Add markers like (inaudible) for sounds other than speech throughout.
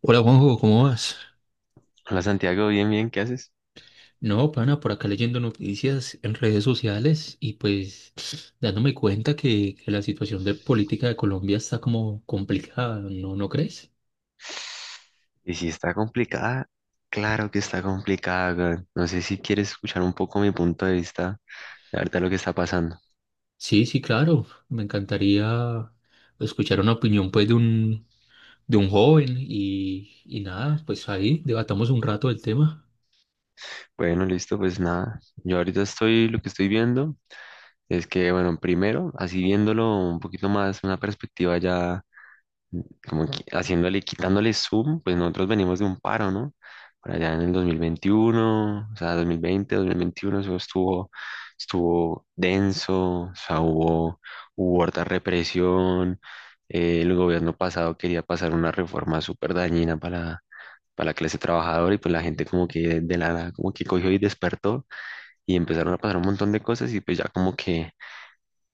Hola Juanjo, ¿cómo vas? Hola Santiago, bien, bien, ¿qué haces? No, pana, por acá leyendo noticias en redes sociales y pues (sniffs) dándome cuenta que la situación de política de Colombia está como complicada, ¿no crees? Y si está complicada, claro que está complicada, weón. No sé si quieres escuchar un poco mi punto de vista de ahorita lo que está pasando. Sí, sí, claro. Me encantaría escuchar una opinión pues de un joven y nada, pues ahí debatamos un rato el tema. Bueno, listo, pues nada. Yo ahorita estoy, lo que estoy viendo es que, bueno, primero, así viéndolo un poquito más, una perspectiva ya como que haciéndole, quitándole zoom, pues nosotros venimos de un paro, ¿no? Por allá en el 2021, o sea, 2020, 2021, eso estuvo, estuvo denso, o sea, hubo harta represión. El gobierno pasado quería pasar una reforma súper dañina para la clase trabajadora, y pues la gente como que de la nada como que cogió y despertó y empezaron a pasar un montón de cosas. Y pues ya como que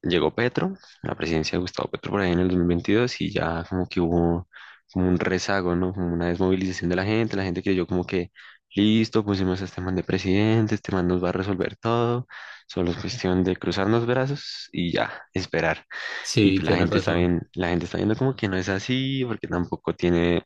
llegó Petro, la presidencia de Gustavo Petro por ahí en el 2022, y ya como que hubo como un rezago, ¿no? Como una desmovilización de la gente. La gente creyó como que listo, pusimos a este man de presidente, este man nos va a resolver todo, solo es cuestión de cruzarnos brazos y ya, esperar. Y Sí, pues la tienes gente está razón. bien, la gente está viendo como que no es así, porque tampoco tiene,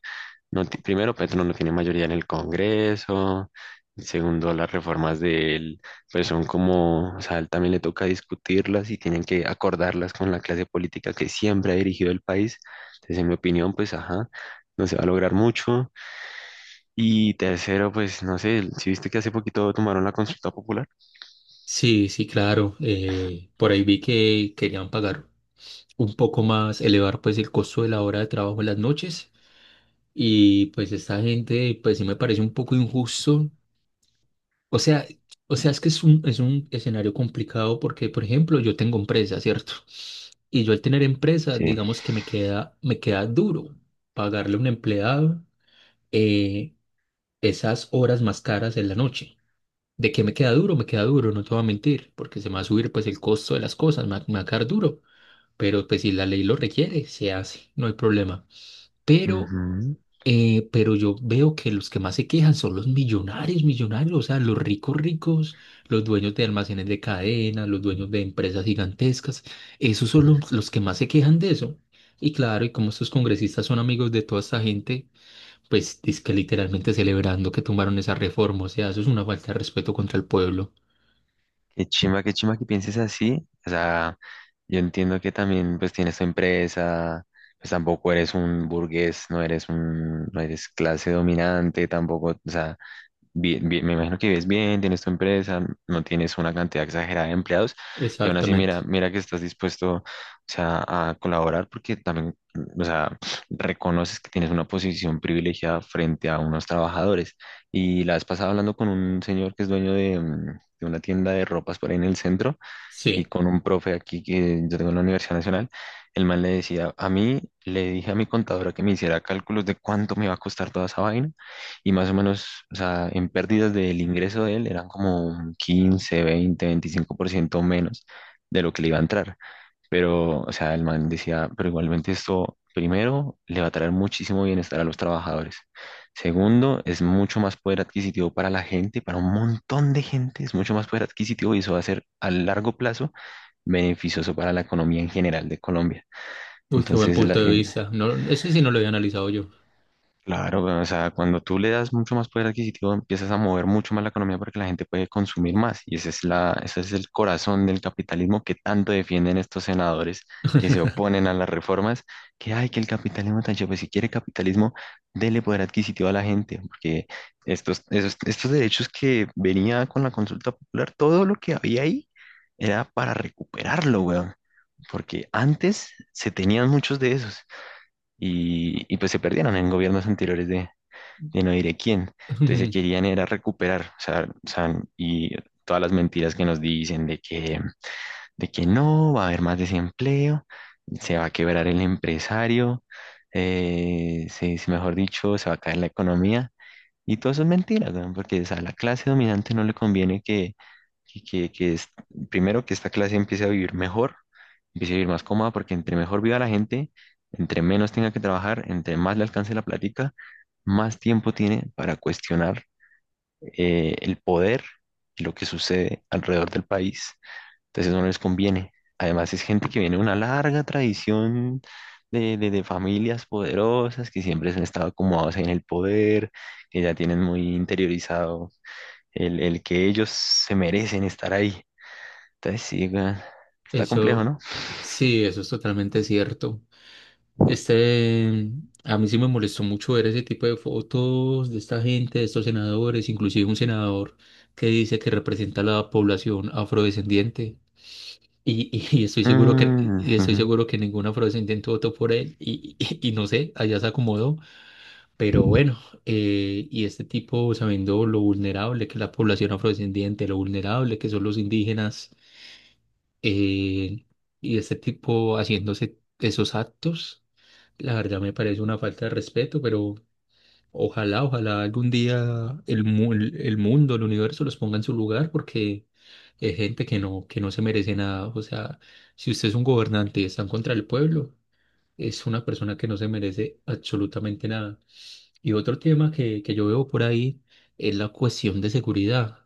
no, primero Petro no tiene mayoría en el Congreso, y segundo las reformas de él, pues son como, o sea, a él también le toca discutirlas y tienen que acordarlas con la clase política que siempre ha dirigido el país. Entonces, en mi opinión, pues ajá, no se va a lograr mucho. Y tercero, pues no sé, si viste que hace poquito tomaron la consulta popular. Sí, sí, claro. Por ahí vi que querían pagar un poco más, elevar pues el costo de la hora de trabajo en las noches. Y pues esta gente, pues sí me parece un poco injusto. O sea, o sea, es que es un escenario complicado porque, por ejemplo, yo tengo empresa, ¿cierto? Y yo al tener empresa, Sí. digamos que me queda duro pagarle a un empleado eh, esas horas más caras en la noche. ¿De qué me queda duro? Me queda duro, no te voy a mentir, porque se me va a subir pues el costo de las cosas, me va a quedar duro. Pero pues si la ley lo requiere, se hace, no hay problema. Pero Ujú. Pero yo veo que los que más se quejan son los millonarios, millonarios, o sea, los ricos ricos, los dueños de almacenes de cadena, los dueños de empresas gigantescas, esos son los que más se quejan de eso. Y claro, y como estos congresistas son amigos de toda esta gente, pues es que literalmente celebrando que tumbaron esa reforma, o sea, eso es una falta de respeto contra el pueblo. Qué chimba que pienses así. O sea, yo entiendo que también pues tienes tu empresa, pues tampoco eres un burgués, no eres un, no eres clase dominante, tampoco, o sea, me imagino que vives bien, tienes tu empresa, no tienes una cantidad exagerada de empleados, y aún así mira, Exactamente. mira que estás dispuesto, o sea, a colaborar porque también, o sea, reconoces que tienes una posición privilegiada frente a unos trabajadores. Y la vez pasada hablando con un señor que es dueño de, de una tienda de ropas por ahí en el centro, y Sí. con un profe aquí que yo tengo en la Universidad Nacional, el man le decía, a mí le dije a mi contadora que me hiciera cálculos de cuánto me iba a costar toda esa vaina y más o menos, o sea, en pérdidas del ingreso de él eran como un 15, 20, 25% menos de lo que le iba a entrar. Pero, o sea, el man decía, pero igualmente esto, primero, le va a traer muchísimo bienestar a los trabajadores. Segundo, es mucho más poder adquisitivo para la gente, para un montón de gente, es mucho más poder adquisitivo, y eso va a ser a largo plazo beneficioso para la economía en general de Colombia. Uy, qué buen Entonces, punto de vista. No, ese sí no lo había analizado yo. claro, o sea, cuando tú le das mucho más poder adquisitivo, empiezas a mover mucho más la economía porque la gente puede consumir más. Y ese es la, ese es el corazón del capitalismo que tanto defienden estos senadores que se oponen a las reformas, que hay que el capitalismo tan chévere. Pues si quiere capitalismo, dele poder adquisitivo a la gente, porque estos derechos que venía con la consulta popular, todo lo que había ahí era para recuperarlo, weón. Porque antes se tenían muchos de esos y pues se perdieron en gobiernos anteriores de no diré quién. Entonces se (laughs) querían era recuperar, o sea, y todas las mentiras que nos dicen de que no, va a haber más desempleo, se va a quebrar el empresario, mejor dicho, se va a caer la economía. Y todo eso es mentira, weón, porque o sea, a la clase dominante no le conviene que primero que esta clase empiece a vivir mejor, empiece a vivir más cómoda, porque entre mejor viva la gente, entre menos tenga que trabajar, entre más le alcance la plática, más tiempo tiene para cuestionar el poder y lo que sucede alrededor del país. Entonces no les conviene. Además es gente que viene de una larga tradición de familias poderosas que siempre han estado acomodados en el poder, que ya tienen muy interiorizado el que ellos se merecen estar ahí. Entonces sí, weón, está complejo, Eso, ¿no? sí, eso es totalmente cierto. Este, a mí sí me molestó mucho ver ese tipo de fotos de esta gente, de estos senadores, inclusive un senador que dice que representa a la población afrodescendiente. Y estoy seguro que, Mm. y (laughs) estoy Ujú. seguro que ningún afrodescendiente votó por él. Y no sé, allá se acomodó. Pero bueno, y este tipo sabiendo lo vulnerable que es la población afrodescendiente, lo vulnerable que son los indígenas, eh, y este tipo haciéndose esos actos. La verdad me parece una falta de respeto, pero ojalá, ojalá algún día el el mundo, el universo los ponga en su lugar porque es gente que no se merece nada. O sea, si usted es un gobernante y está en contra del pueblo, es una persona que no se merece absolutamente nada. Y otro tema que yo veo por ahí es la cuestión de seguridad.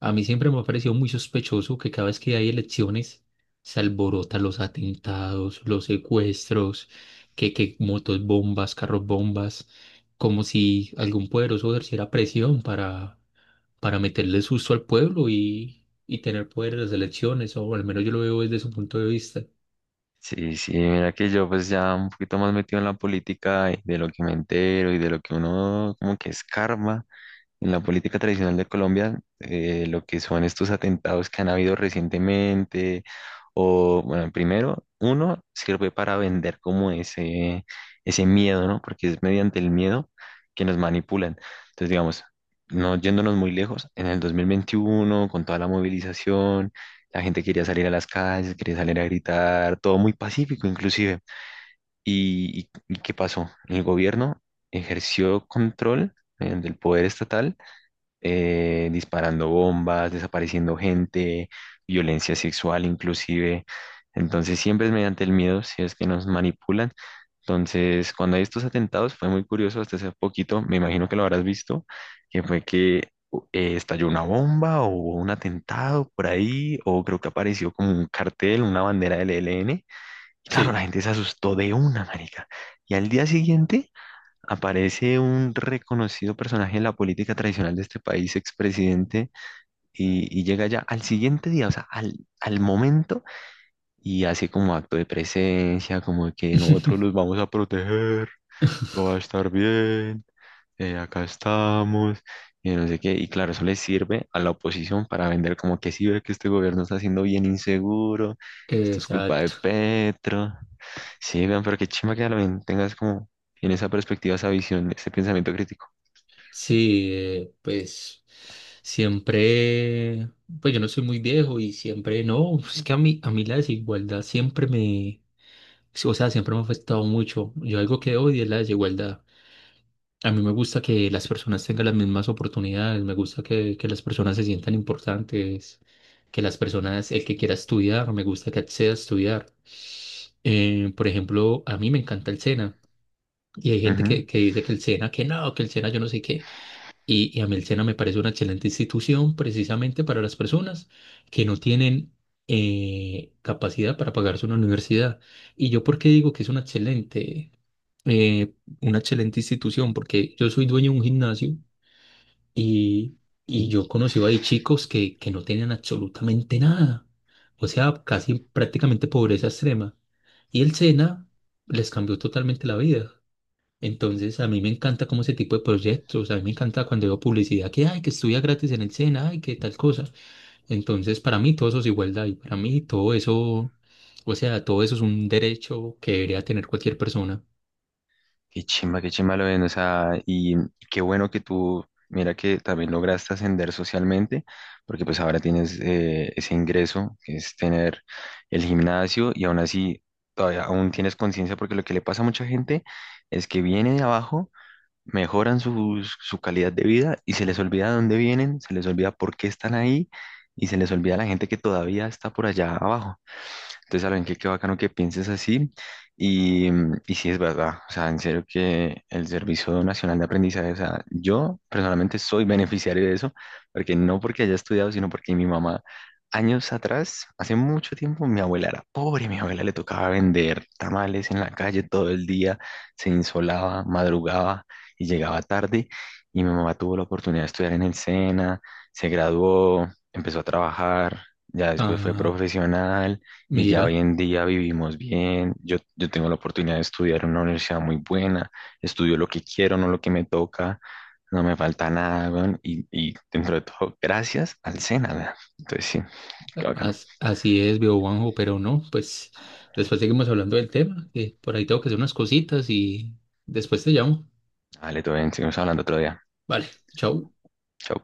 A mí siempre me ha parecido muy sospechoso que cada vez que hay elecciones se alborotan los atentados, los secuestros, que motos bombas, carros bombas, como si algún poderoso ejerciera presión para meterle susto al pueblo y tener poder en las elecciones, o al menos yo lo veo desde su punto de vista. Sí, sí, mira que yo pues ya un poquito más metido en la política y de lo que me entero y de lo que uno como que escarba. En la política tradicional de Colombia, lo que son estos atentados que han habido recientemente, o bueno, primero, uno sirve para vender como ese miedo, ¿no? Porque es mediante el miedo que nos manipulan. Entonces, digamos, no yéndonos muy lejos, en el 2021, con toda la movilización, la gente quería salir a las calles, quería salir a gritar, todo muy pacífico inclusive. Y qué pasó? El gobierno ejerció control del poder estatal, disparando bombas, desapareciendo gente, violencia sexual inclusive. Entonces siempre es mediante el miedo si es que nos manipulan. Entonces cuando hay estos atentados fue muy curioso hasta hace poquito, me imagino que lo habrás visto, que fue que estalló una bomba o hubo un atentado por ahí, o creo que apareció como un cartel, una bandera del ELN. Y claro, la Sí. gente se asustó de una, marica. Y al día siguiente aparece un reconocido personaje en la política tradicional de este país, expresidente, y llega ya al siguiente día, o sea, al, al momento, y hace como acto de presencia, como que nosotros los (laughs) vamos a proteger, todo va a estar bien, acá estamos, y no sé qué. Y claro, eso le sirve a la oposición para vender como que sí ve que este gobierno está siendo bien inseguro, esto es culpa de Exacto. Petro. Sí, vean, pero qué chimba que también tengas como en esa perspectiva, esa visión, ese pensamiento crítico. Sí, pues siempre, pues yo no soy muy viejo y siempre, no, (laughs) es que a mí la desigualdad siempre me, sí, o sea, siempre me ha afectado mucho. Yo algo que odio es la desigualdad. A mí me gusta que las personas tengan las mismas oportunidades, me gusta que las personas se sientan importantes, que las personas, el que quiera estudiar, me gusta que acceda a estudiar. Por ejemplo, a mí me encanta el SENA y hay gente Ujú. que dice que el SENA, que no, que el SENA yo no sé qué. Y a mí el SENA me parece una excelente institución precisamente para las personas que no tienen capacidad para pagarse una universidad. ¿Y yo por qué digo que es eh, una excelente institución? Porque yo soy dueño de un gimnasio y, y yo Sí. conocí ahí chicos que no tenían absolutamente nada. O sea, casi prácticamente pobreza extrema. Y el SENA les cambió totalmente la vida. Entonces, a mí me encanta como ese tipo de proyectos, a mí me encanta cuando veo publicidad que, ay, que estudia gratis en el SENA, ay, que tal cosa. Entonces, para mí todo eso es igualdad y para mí todo eso, o sea, todo eso es un derecho que debería tener cualquier persona. Qué chimba lo ven, o sea, y qué bueno que tú, mira que también lograste ascender socialmente, porque pues ahora tienes ese ingreso, que es tener el gimnasio, y aún así, todavía aún tienes conciencia, porque lo que le pasa a mucha gente es que viene de abajo, mejoran su, su calidad de vida, y se les olvida de dónde vienen, se les olvida por qué están ahí, y se les olvida la gente que todavía está por allá abajo. Entonces, Alan, qué, qué bacano que pienses así. Y, mm, y sí es verdad, o sea, en serio que el Servicio Nacional de Aprendizaje, o sea, yo personalmente soy beneficiario de eso, porque no porque haya estudiado, sino porque mi mamá, años atrás, hace mucho tiempo, mi abuela era pobre, mi abuela le tocaba vender tamales en la calle todo el día, se insolaba, madrugaba y llegaba tarde. Y mi mamá tuvo la oportunidad de estudiar en el SENA, se graduó, empezó a trabajar, ya después fue Ah, profesional, y ya hoy mira, en día vivimos bien. Yo tengo la oportunidad de estudiar en una universidad muy buena, estudio lo que quiero, no lo que me toca, no me falta nada, weón. Y dentro de todo, gracias al SENA, weón. Entonces sí, qué bacano. Así es, veo Juanjo, pero no, pues después seguimos hablando del tema, que por ahí tengo que hacer unas cositas y después te llamo. Vale, todo bien, seguimos hablando otro día. Vale, chao. Chao.